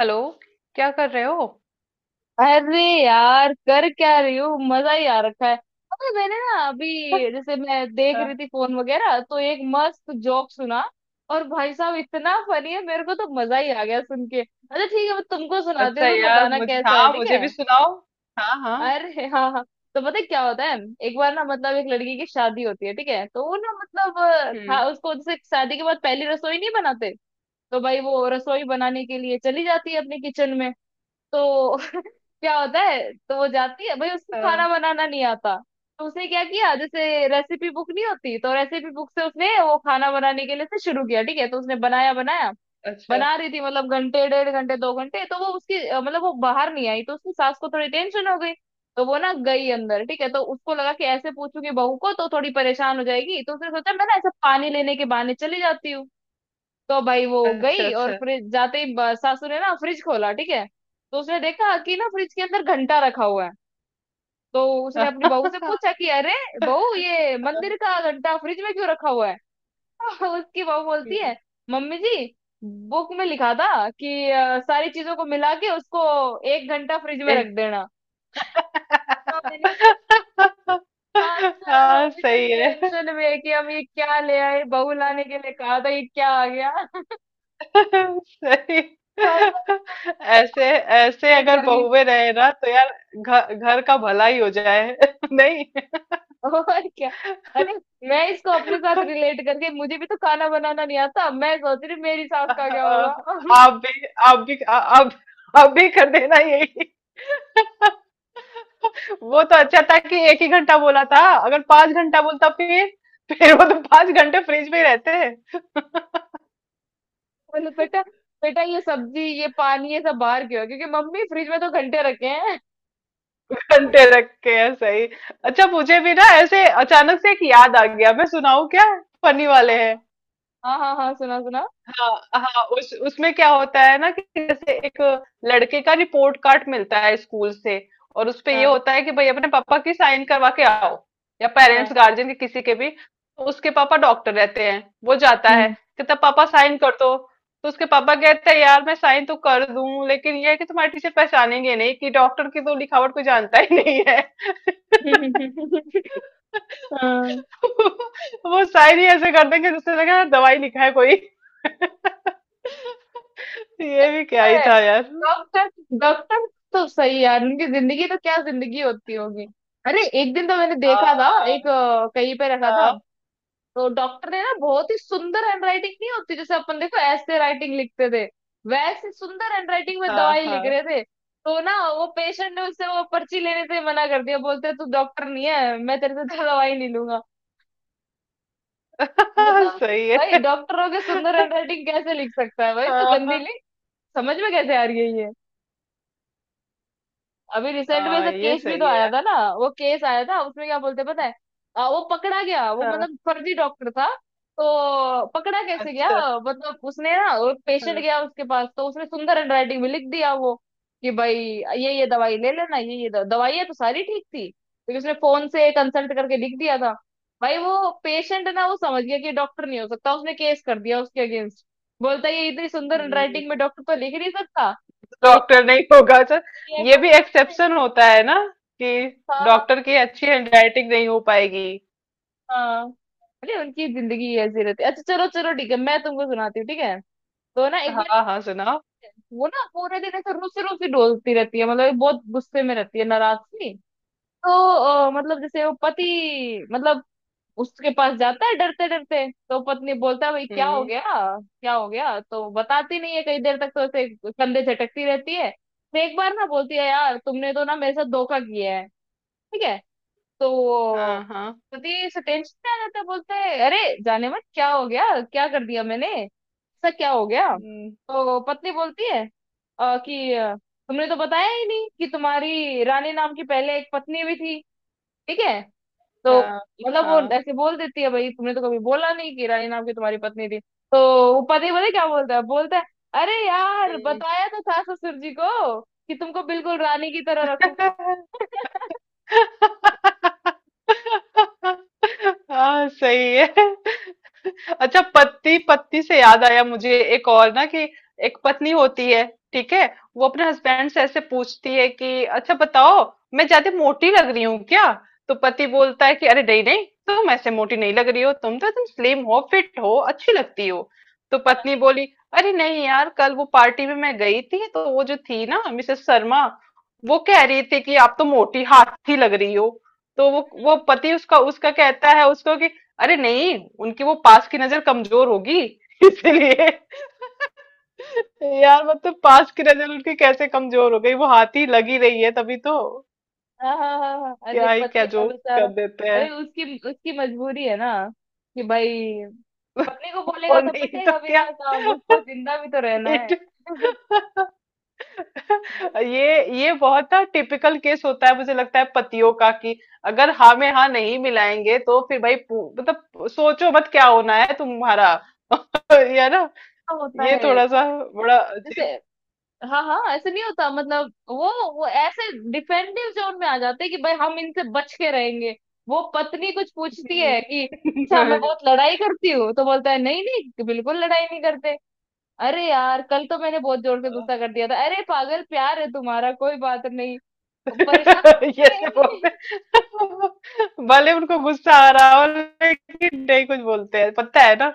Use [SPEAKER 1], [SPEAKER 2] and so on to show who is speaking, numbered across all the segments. [SPEAKER 1] Hello. क्या कर रहे हो?
[SPEAKER 2] अरे यार कर क्या रही हो। मजा ही आ रखा है। पता है, मैंने ना अभी जैसे मैं देख
[SPEAKER 1] हाँ।
[SPEAKER 2] रही थी फोन वगैरह, तो एक मस्त जोक सुना। और भाई साहब इतना फनी है, मेरे को तो मजा ही आ गया सुन के। अच्छा ठीक है, मैं तुमको सुनाती
[SPEAKER 1] अच्छा
[SPEAKER 2] हूँ, तुम
[SPEAKER 1] यार
[SPEAKER 2] बताना
[SPEAKER 1] मुझे,
[SPEAKER 2] कैसा है,
[SPEAKER 1] हाँ
[SPEAKER 2] ठीक
[SPEAKER 1] मुझे
[SPEAKER 2] है?
[SPEAKER 1] भी सुनाओ। हाँ हाँ।
[SPEAKER 2] अरे हाँ हाँ, तो पता है क्या होता है? एक बार ना, एक लड़की की शादी होती है, ठीक है? तो वो ना, मतलब
[SPEAKER 1] हम्म।
[SPEAKER 2] उसको जैसे शादी के बाद पहली रसोई नहीं बनाते। तो भाई वो रसोई बनाने के लिए चली जाती है अपने किचन में। तो क्या होता है, तो वो जाती है, भाई उसको
[SPEAKER 1] हाँ।
[SPEAKER 2] खाना बनाना नहीं आता। तो उसने क्या किया, जैसे रेसिपी बुक नहीं होती, तो रेसिपी बुक से उसने वो खाना बनाने के लिए से शुरू किया, ठीक है? तो उसने बनाया बनाया,
[SPEAKER 1] अच्छा
[SPEAKER 2] बना रही थी मतलब घंटे, डेढ़ घंटे, दो घंटे, तो वो उसकी मतलब वो बाहर नहीं आई, तो उसकी सास को थोड़ी टेंशन हो गई। तो वो ना गई अंदर, ठीक है? तो उसको लगा कि ऐसे पूछूंगी बहू को तो थोड़ी परेशान हो जाएगी, तो उसने सोचा मैं ना ऐसा पानी लेने के बहाने चली जाती हूँ। तो भाई वो
[SPEAKER 1] अच्छा।
[SPEAKER 2] गई, और
[SPEAKER 1] अच्छा।
[SPEAKER 2] फ्रिज जाते ही सासू ने ना फ्रिज खोला, ठीक है? तो उसने देखा कि ना फ्रिज के अंदर घंटा रखा हुआ है। तो उसने अपनी बहू से पूछा कि अरे बहू, ये मंदिर का घंटा फ्रिज में क्यों रखा हुआ है? उसकी बहू बोलती
[SPEAKER 1] हम्म।
[SPEAKER 2] है, मम्मी जी, बुक में लिखा था कि सारी चीजों को मिला के उसको एक घंटा फ्रिज में रख
[SPEAKER 1] एक।
[SPEAKER 2] देना। तो मैंने देखा, जो है वो
[SPEAKER 1] हाँ
[SPEAKER 2] अभी तक
[SPEAKER 1] सही है।
[SPEAKER 2] टेंशन में है कि हम ये क्या ले आए, बहू लाने के लिए कहा था ये क्या आ गया।
[SPEAKER 1] सही।
[SPEAKER 2] भाई साहब, तो
[SPEAKER 1] ऐसे,
[SPEAKER 2] मैं
[SPEAKER 1] ऐसे
[SPEAKER 2] लेट
[SPEAKER 1] अगर
[SPEAKER 2] कर गई।
[SPEAKER 1] बहुएं रहे ना तो यार घर घर का भला ही हो जाए। नहीं।
[SPEAKER 2] और क्या। अरे, मैं इसको अपने साथ रिलेट करके, मुझे भी तो खाना बनाना नहीं आता, मैं सोच रही मेरी सास का क्या होगा।
[SPEAKER 1] आप भी, आप भी, आप भी कर देना यही। वो तो अच्छा था कि एक ही घंटा बोला था। अगर पांच घंटा बोलता फिर वो तो पांच घंटे फ्रिज में ही रहते हैं।
[SPEAKER 2] बोले बेटा, बेटा ये सब्जी ये पानी ये सब बाहर क्यों है? क्योंकि मम्मी फ्रिज में तो घंटे रखे हैं।
[SPEAKER 1] घंटे रख के है, सही। अच्छा मुझे भी ना ऐसे अचानक से एक याद आ गया, मैं सुनाऊं क्या? फनी वाले हैं।
[SPEAKER 2] हाँ हाँ हाँ, सुना सुना।
[SPEAKER 1] हाँ हाँ। उस उसमें क्या होता है ना कि जैसे एक लड़के का रिपोर्ट कार्ड मिलता है स्कूल से और उस पे ये
[SPEAKER 2] हाँ
[SPEAKER 1] होता है कि भाई अपने पापा की साइन करवा के आओ, या पेरेंट्स
[SPEAKER 2] हाँ।
[SPEAKER 1] गार्जियन के किसी के भी। तो उसके पापा डॉक्टर रहते हैं, वो जाता है,
[SPEAKER 2] हम्म।
[SPEAKER 1] कहता पापा साइन कर दो। तो उसके पापा कहते हैं यार मैं साइन तो कर दूं लेकिन ये है कि तुम्हारे टीचर पहचानेंगे नहीं कि डॉक्टर की तो लिखावट कोई जानता ही नहीं है।
[SPEAKER 2] हाँ।
[SPEAKER 1] वो साइन ही ऐसे कर देंगे जिससे लगेगा दवाई लिखा है कोई। ये भी क्या ही
[SPEAKER 2] है।
[SPEAKER 1] था यार।
[SPEAKER 2] डॉक्टर, डॉक्टर, तो सही यार, उनकी जिंदगी तो क्या जिंदगी होती होगी। अरे एक दिन तो मैंने देखा था एक
[SPEAKER 1] हाँ
[SPEAKER 2] कहीं पे रखा था,
[SPEAKER 1] हाँ
[SPEAKER 2] तो डॉक्टर ने ना, बहुत ही सुंदर हैंडराइटिंग नहीं होती जैसे अपन देखो ऐसे राइटिंग लिखते थे, वैसे सुंदर हैंडराइटिंग में दवाई लिख
[SPEAKER 1] हाँ
[SPEAKER 2] रहे थे। तो ना वो पेशेंट ने उससे वो पर्ची लेने से मना कर दिया, बोलते तू डॉक्टर नहीं है, मैं तेरे से दवाई नहीं लूंगा।
[SPEAKER 1] हाँ।
[SPEAKER 2] मतलब,
[SPEAKER 1] सही
[SPEAKER 2] भाई
[SPEAKER 1] है।
[SPEAKER 2] डॉक्टरों के सुंदर हैंडराइटिंग कैसे लिख सकता है, भाई तू
[SPEAKER 1] हाँ हाँ
[SPEAKER 2] गंदी लिख, समझ में कैसे आ रही है ये। अभी रिसेंट में
[SPEAKER 1] हाँ,
[SPEAKER 2] ऐसा
[SPEAKER 1] ये
[SPEAKER 2] केस भी तो
[SPEAKER 1] सही है
[SPEAKER 2] आया
[SPEAKER 1] यार।
[SPEAKER 2] था ना, वो केस आया था उसमें क्या बोलते हैं पता है? वो पकड़ा गया, वो
[SPEAKER 1] हाँ।
[SPEAKER 2] मतलब फर्जी डॉक्टर था। तो पकड़ा कैसे गया,
[SPEAKER 1] अच्छा।
[SPEAKER 2] मतलब उसने ना, वो पेशेंट
[SPEAKER 1] हाँ।
[SPEAKER 2] गया उसके पास, तो उसने सुंदर हैंडराइटिंग में लिख दिया वो, कि भाई ये दवाई ले लेना, ये दवाइयाँ तो सारी ठीक थी, लेकिन उसने फोन से कंसल्ट करके लिख दिया था। भाई वो पेशेंट ना, वो समझ गया कि डॉक्टर नहीं हो सकता, उसने केस कर दिया उसके अगेंस्ट। बोलता है, ये इतनी सुंदर हैंडराइटिंग में
[SPEAKER 1] हम्म।
[SPEAKER 2] डॉक्टर तो लिख नहीं सकता। तो ये
[SPEAKER 1] डॉक्टर नहीं होगा, अच्छा।
[SPEAKER 2] ये एक
[SPEAKER 1] ये भी
[SPEAKER 2] बार-
[SPEAKER 1] एक्सेप्शन होता है ना कि
[SPEAKER 2] हाँ
[SPEAKER 1] डॉक्टर
[SPEAKER 2] हाँ
[SPEAKER 1] की अच्छी हैंडराइटिंग नहीं हो पाएगी।
[SPEAKER 2] हाँ, अरे उनकी जिंदगी ऐसी रहती है। अच्छा चलो चलो, ठीक है मैं तुमको सुनाती हूँ, ठीक है? तो ना एक बार,
[SPEAKER 1] हाँ हाँ सुनाओ।
[SPEAKER 2] वो ना पूरे दिन ऐसे रूसी रूसी डोलती रहती है, मतलब ये बहुत गुस्से में रहती है नाराज सी। तो मतलब जैसे वो पति, मतलब उसके पास जाता है डरते डरते, तो पत्नी बोलता है भाई क्या हो
[SPEAKER 1] हम्म।
[SPEAKER 2] गया, क्या हो गया? तो बताती नहीं है कई देर तक, तो ऐसे कंधे झटकती रहती है, फिर एक बार ना बोलती है यार तुमने तो ना मेरे साथ धोखा किया है, ठीक है? तो वो
[SPEAKER 1] हाँ हाँ।
[SPEAKER 2] प्रतीश टेंशन में आ जाता है, बोलता है अरे, जाने मत क्या हो गया, क्या कर दिया मैंने, ऐसा क्या हो गया?
[SPEAKER 1] हम्म।
[SPEAKER 2] तो पत्नी बोलती है तुमने तो बताया ही नहीं कि तुम्हारी रानी नाम की पहले एक पत्नी भी थी, ठीक है? तो
[SPEAKER 1] हाँ
[SPEAKER 2] मतलब वो
[SPEAKER 1] हाँ।
[SPEAKER 2] ऐसे बोल देती है, भाई तुमने तो कभी बोला नहीं कि रानी नाम की तुम्हारी पत्नी थी, तो वो पति बोले क्या, बोलता है, बोलता है अरे यार,
[SPEAKER 1] हम्म।
[SPEAKER 2] बताया तो था ससुर जी को कि तुमको बिल्कुल रानी की तरह रखूंगा।
[SPEAKER 1] हाँ सही है। अच्छा, पत्नी पत्नी से याद आया मुझे एक और ना कि एक पत्नी होती है, ठीक है, वो अपने हस्बैंड से ऐसे पूछती है कि अच्छा बताओ मैं ज्यादा मोटी लग रही हूँ क्या। तो पति बोलता है कि अरे नहीं नहीं तुम ऐसे मोटी नहीं लग रही हो, तुम तो एकदम स्लिम हो, फिट हो, अच्छी लगती हो। तो पत्नी बोली अरे नहीं यार कल वो पार्टी में मैं गई थी तो वो जो थी ना मिसेस शर्मा, वो कह रही थी कि आप तो मोटी हाथी लग रही हो। तो वो पति उसका उसका कहता है उसको कि अरे नहीं उनकी वो पास की नजर कमजोर होगी इसलिए। यार पास की नजर उनकी कैसे कमजोर हो गई? वो हाथी लगी रही है तभी तो।
[SPEAKER 2] हाँ हाँ हाँ हाँ, हाँ। अरे
[SPEAKER 1] क्या ही
[SPEAKER 2] पति
[SPEAKER 1] क्या
[SPEAKER 2] है ना
[SPEAKER 1] जोक
[SPEAKER 2] बेचारा,
[SPEAKER 1] कर देते
[SPEAKER 2] अरे
[SPEAKER 1] हैं।
[SPEAKER 2] उसकी उसकी मजबूरी है ना, कि भाई पत्नी को बोलेगा
[SPEAKER 1] और
[SPEAKER 2] तो
[SPEAKER 1] नहीं तो
[SPEAKER 2] पिटेगा
[SPEAKER 1] क्या।
[SPEAKER 2] बिना काम, उसको जिंदा भी तो रहना है।
[SPEAKER 1] पीठ।
[SPEAKER 2] वही
[SPEAKER 1] ये बहुत ना टिपिकल केस होता है मुझे लगता है पतियों का कि अगर हाँ में हाँ नहीं मिलाएंगे तो फिर भाई सोचो मत क्या होना है तुम्हारा। ये ना,
[SPEAKER 2] तो होता
[SPEAKER 1] ये
[SPEAKER 2] है
[SPEAKER 1] थोड़ा
[SPEAKER 2] वो।
[SPEAKER 1] सा बड़ा
[SPEAKER 2] जैसे
[SPEAKER 1] अजीब।
[SPEAKER 2] हाँ हाँ, ऐसे नहीं होता, मतलब वो ऐसे डिफेंसिव जोन में आ जाते हैं कि भाई हम इनसे बच के रहेंगे। वो पत्नी कुछ पूछती है कि अच्छा मैं
[SPEAKER 1] हम्म।
[SPEAKER 2] बहुत लड़ाई करती हूँ, तो बोलता है नहीं नहीं, बिल्कुल लड़ाई नहीं करते। अरे यार कल तो मैंने बहुत जोर से गुस्सा कर दिया था, अरे पागल प्यार है तुम्हारा, कोई बात नहीं, परेशान
[SPEAKER 1] ये से
[SPEAKER 2] रहेंगे।
[SPEAKER 1] बोलते हैं। भले उनको गुस्सा आ रहा हो लेकिन नहीं कुछ बोलते हैं, पता है ना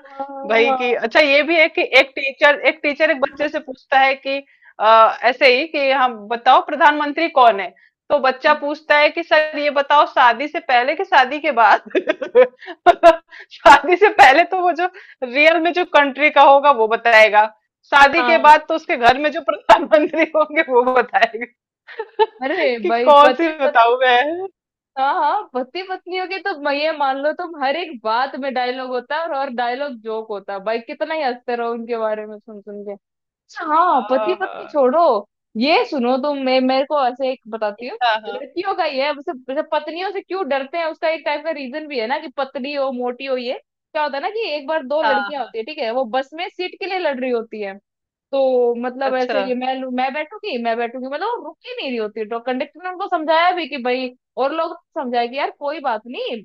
[SPEAKER 1] भाई। कि
[SPEAKER 2] हाँ
[SPEAKER 1] अच्छा ये भी है कि एक टीचर, एक टीचर एक बच्चे से पूछता है कि ऐसे ही कि हम बताओ प्रधानमंत्री कौन है। तो बच्चा पूछता है कि सर ये बताओ शादी से पहले कि शादी के बाद? शादी से पहले तो वो जो रियल में जो कंट्री का होगा वो बताएगा। शादी के
[SPEAKER 2] हाँ।
[SPEAKER 1] बाद तो उसके घर में जो प्रधानमंत्री होंगे वो बताएगा।
[SPEAKER 2] अरे
[SPEAKER 1] कि
[SPEAKER 2] भाई
[SPEAKER 1] कौन सी
[SPEAKER 2] पति पत्नी,
[SPEAKER 1] बताऊं मैं।
[SPEAKER 2] हाँ हाँ, पति पत्नियों के तो ये मान लो तुम हर एक बात में डायलॉग होता है, और डायलॉग जोक होता है, भाई कितना ही हंसते रहो उनके बारे में सुन सुन के। अच्छा हाँ, पति
[SPEAKER 1] हाँ
[SPEAKER 2] पत्नी
[SPEAKER 1] हाँ
[SPEAKER 2] छोड़ो, ये सुनो तुम, मैं मेरे को ऐसे एक बताती हूँ।
[SPEAKER 1] हाँ हाँ हाँ,
[SPEAKER 2] लड़कियों का ये है, वैसे वैसे पत्नियों से क्यों डरते हैं उसका एक टाइप का रीजन भी है ना, कि पतली हो मोटी हो ये। क्या होता है ना, कि एक बार दो लड़कियां
[SPEAKER 1] हाँ।
[SPEAKER 2] होती है, ठीक है? वो बस में सीट के लिए लड़ रही होती है, तो मतलब ऐसे
[SPEAKER 1] अच्छा।
[SPEAKER 2] ये मैं बैठूंगी, मैं बैठूंगी, मतलब वो रुक ही नहीं रही होती। तो कंडक्टर ने उनको समझाया भी कि भाई, और लोग समझाया कि यार कोई बात नहीं,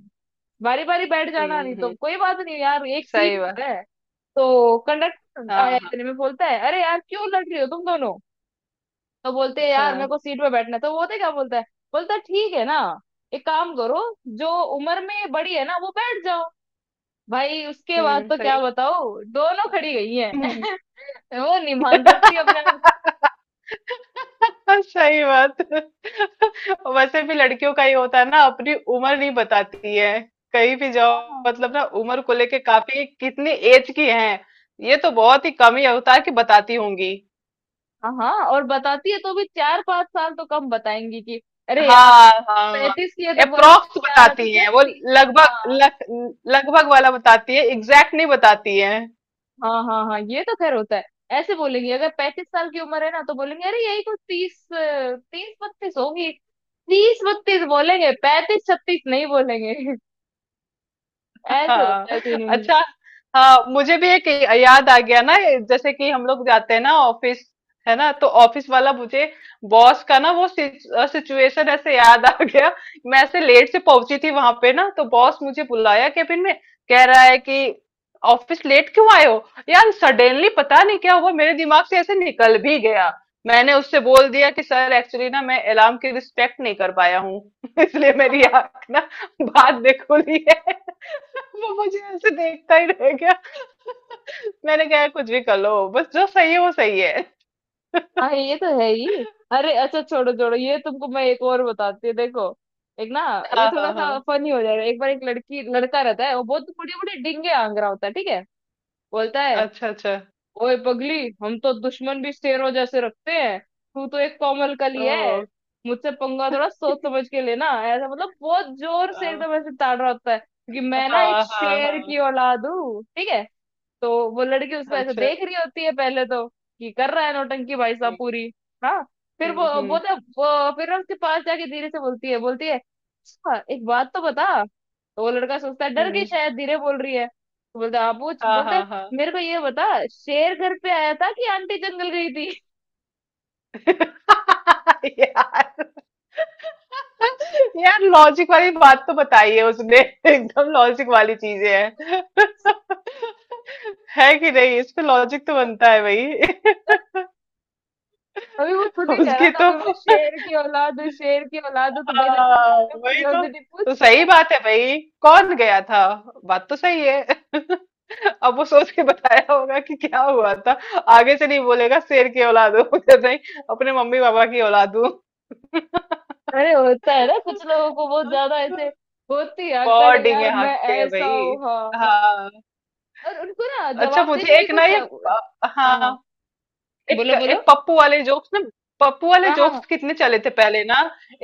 [SPEAKER 2] बारी बारी बैठ जाना, नहीं तो
[SPEAKER 1] हम्म।
[SPEAKER 2] कोई बात नहीं यार एक
[SPEAKER 1] सही
[SPEAKER 2] सीट
[SPEAKER 1] बात।
[SPEAKER 2] है। तो कंडक्टर
[SPEAKER 1] हाँ
[SPEAKER 2] आया
[SPEAKER 1] हाँ।
[SPEAKER 2] इतने में, बोलता है अरे यार क्यों लड़ रही हो तुम दोनों? तो बोलते हैं यार मेरे
[SPEAKER 1] हाँ।
[SPEAKER 2] को सीट पे बैठना है। तो वो होते क्या, बोलता है, बोलता है ठीक है ना, एक काम करो, जो उम्र में बड़ी है ना वो बैठ जाओ। भाई उसके बाद
[SPEAKER 1] हम्म।
[SPEAKER 2] तो क्या
[SPEAKER 1] सही।
[SPEAKER 2] बताओ, दोनों खड़ी गई हैं।
[SPEAKER 1] हम्म।
[SPEAKER 2] वो नहीं मान सकती अपने आप
[SPEAKER 1] सही बात। वैसे भी लड़कियों का ही होता है ना, अपनी उम्र नहीं बताती है कहीं भी जाओ।
[SPEAKER 2] को।
[SPEAKER 1] मतलब ना उम्र को लेके काफी, कितनी एज की है, ये तो बहुत ही कम ही होता है कि बताती होंगी।
[SPEAKER 2] हाँ हाँ, और बताती है तो भी चार पांच साल तो कम बताएंगी, कि अरे यार,
[SPEAKER 1] हाँ हाँ।
[SPEAKER 2] पैंतीस की है तो बोलेंगे
[SPEAKER 1] अप्रोक्स
[SPEAKER 2] यार अभी
[SPEAKER 1] बताती हैं
[SPEAKER 2] जस्ट
[SPEAKER 1] वो।
[SPEAKER 2] तीस।
[SPEAKER 1] लगभग
[SPEAKER 2] हाँ
[SPEAKER 1] लग, लगभग वाला बताती है, एग्जैक्ट नहीं बताती है।
[SPEAKER 2] हाँ हाँ हाँ, ये तो खैर होता है। ऐसे बोलेंगी अगर पैंतीस साल की उम्र है ना, तो बोलेंगे अरे यही कुछ तीस, तीस बत्तीस होगी। तीस बत्तीस बोलेंगे, पैंतीस छत्तीस नहीं बोलेंगे। ऐसे
[SPEAKER 1] हाँ।
[SPEAKER 2] होता है सीन।
[SPEAKER 1] अच्छा। हाँ मुझे भी एक याद आ गया ना। ये जैसे कि हम लोग जाते हैं ना ऑफिस, है ना, तो ऑफिस वाला मुझे बॉस का ना वो सिचुएशन ऐसे याद आ गया। मैं ऐसे लेट से पहुंची थी वहां पे ना तो बॉस मुझे बुलाया केबिन में, कह रहा है कि ऑफिस लेट क्यों आए हो। यार सडनली पता नहीं क्या हुआ, मेरे दिमाग से ऐसे निकल भी गया। मैंने उससे बोल दिया कि सर एक्चुअली ना मैं अलार्म की रिस्पेक्ट नहीं कर पाया हूँ। इसलिए मेरी आंख ना बाद में खुली है। वो मुझे ऐसे देखता ही रह गया। मैंने कहा कुछ भी कर लो बस, जो सही है वो सही है।
[SPEAKER 2] हाँ ये तो है ही। अरे अच्छा छोड़ो छोड़ो, ये तुमको मैं एक और बताती हूँ देखो। एक ना, ये
[SPEAKER 1] हाँ
[SPEAKER 2] थोड़ा
[SPEAKER 1] हाँ
[SPEAKER 2] सा
[SPEAKER 1] हाँ।
[SPEAKER 2] फनी हो जाएगा। एक बार एक लड़की लड़का रहता है, वो बहुत बड़े बड़े डिंगे आंग रहा होता है, ठीक है? बोलता है
[SPEAKER 1] अच्छा अच्छा।
[SPEAKER 2] ओए पगली, हम तो दुश्मन भी शेरों जैसे रखते हैं, तू तो एक कोमल कली
[SPEAKER 1] ओ।
[SPEAKER 2] है, मुझसे पंगा थोड़ा सोच समझ के लेना। ऐसा मतलब बहुत जोर से
[SPEAKER 1] हाँ
[SPEAKER 2] एकदम ऐसे ताड़ रहा होता है क्योंकि मैं ना एक
[SPEAKER 1] हाँ हाँ
[SPEAKER 2] शेर
[SPEAKER 1] हाँ,
[SPEAKER 2] की औलाद हूँ, ठीक है? तो वो लड़की उसको ऐसे
[SPEAKER 1] अच्छा।
[SPEAKER 2] देख रही होती है पहले, तो कि कर रहा है नौटंकी भाई साहब पूरी। हाँ, फिर वो वो
[SPEAKER 1] हम्म।
[SPEAKER 2] तो वो फिर उसके पास जाके धीरे से बोलती है, बोलती है अच्छा एक बात तो बता। तो वो लड़का सोचता है डर गई
[SPEAKER 1] हम्म।
[SPEAKER 2] शायद, धीरे बोल रही है, तो बोलता है आप पूछ,
[SPEAKER 1] हाँ
[SPEAKER 2] बोलता है
[SPEAKER 1] हाँ हाँ।
[SPEAKER 2] मेरे को ये बता, शेर घर पे आया था कि आंटी जंगल गई थी?
[SPEAKER 1] यार। यार लॉजिक वाली बात तो बताई है उसने। एकदम लॉजिक वाली चीजें हैं। है कि नहीं, इस पे लॉजिक तो बनता है भाई।
[SPEAKER 2] अभी वो खुद ही कह रहा
[SPEAKER 1] उसकी
[SPEAKER 2] था
[SPEAKER 1] तो।
[SPEAKER 2] अभी, मैं शेर की औलाद हूँ, शेर की औलाद हूँ, तो भाई लड़की
[SPEAKER 1] हाँ।
[SPEAKER 2] ने out of
[SPEAKER 1] वही तो।
[SPEAKER 2] curiosity
[SPEAKER 1] तो
[SPEAKER 2] पूछ।
[SPEAKER 1] सही बात है भाई, कौन गया था? बात तो सही है। अब वो सोच के बताया होगा कि क्या हुआ था। आगे से नहीं बोलेगा शेर की औलाद हूँ। नहीं, अपने मम्मी पापा की औलाद हूँ।
[SPEAKER 2] अरे होता है ना, कुछ लोगों को बहुत ज्यादा ऐसे होती है अकड़,
[SPEAKER 1] बहुत डींगे
[SPEAKER 2] यार मैं
[SPEAKER 1] हाँकते हैं
[SPEAKER 2] ऐसा
[SPEAKER 1] भाई।
[SPEAKER 2] हूँ हाँ हाँ।
[SPEAKER 1] हाँ।
[SPEAKER 2] और उनको ना
[SPEAKER 1] अच्छा
[SPEAKER 2] जवाब देने
[SPEAKER 1] मुझे
[SPEAKER 2] की
[SPEAKER 1] एक ना
[SPEAKER 2] कुछ
[SPEAKER 1] ये।
[SPEAKER 2] जव... हाँ
[SPEAKER 1] हाँ।
[SPEAKER 2] हाँ,
[SPEAKER 1] एक
[SPEAKER 2] बोलो बोलो।
[SPEAKER 1] एक पप्पू वाले जोक्स ना। पप्पू वाले
[SPEAKER 2] हाँ हाँ
[SPEAKER 1] जोक्स कितने चले थे पहले ना।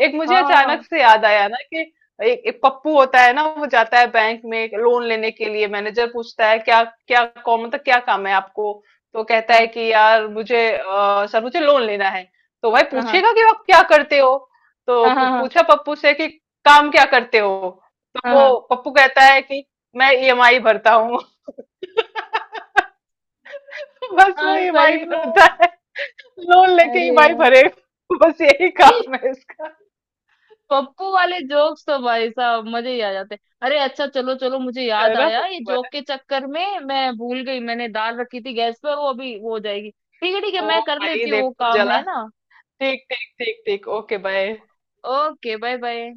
[SPEAKER 1] एक मुझे
[SPEAKER 2] हाँ
[SPEAKER 1] अचानक
[SPEAKER 2] हाँ
[SPEAKER 1] से याद आया ना कि एक पप्पू होता है ना, वो जाता है बैंक में लोन लेने के लिए। मैनेजर पूछता है क्या, क्या कौन मतलब क्या काम है आपको। तो कहता
[SPEAKER 2] हाँ
[SPEAKER 1] है कि यार मुझे सर मुझे लोन लेना है। तो भाई
[SPEAKER 2] हाँ
[SPEAKER 1] पूछेगा कि आप क्या करते हो। तो
[SPEAKER 2] हाँ हाँ हाँ हाँ हाँ
[SPEAKER 1] पूछा पप्पू से कि काम क्या करते हो। तो
[SPEAKER 2] हाँ हाँ,
[SPEAKER 1] वो पप्पू कहता है कि मैं EMI भरता हूँ। बस वो
[SPEAKER 2] हाँ,
[SPEAKER 1] EMI
[SPEAKER 2] सही बात।
[SPEAKER 1] भरता है, लोन लेके ही
[SPEAKER 2] अरे
[SPEAKER 1] भाई
[SPEAKER 2] यार,
[SPEAKER 1] भरेगा बस, यही
[SPEAKER 2] अरे ये
[SPEAKER 1] काम है इसका।
[SPEAKER 2] पप्पू वाले जोक्स तो भाई साहब मजे ही आ जाते हैं। अरे अच्छा चलो चलो, मुझे
[SPEAKER 1] है
[SPEAKER 2] याद
[SPEAKER 1] ना
[SPEAKER 2] आया, ये
[SPEAKER 1] पप्पू
[SPEAKER 2] जोक
[SPEAKER 1] है।
[SPEAKER 2] के चक्कर में मैं भूल गई, मैंने दाल रखी थी गैस पे, वो अभी वो हो जाएगी। ठीक है ठीक है,
[SPEAKER 1] ओ
[SPEAKER 2] मैं कर
[SPEAKER 1] भाई
[SPEAKER 2] लेती हूँ वो
[SPEAKER 1] देखो
[SPEAKER 2] काम
[SPEAKER 1] जला।
[SPEAKER 2] है ना।
[SPEAKER 1] ठीक ठीक ठीक ठीक, okay bye.
[SPEAKER 2] Okay bye bye.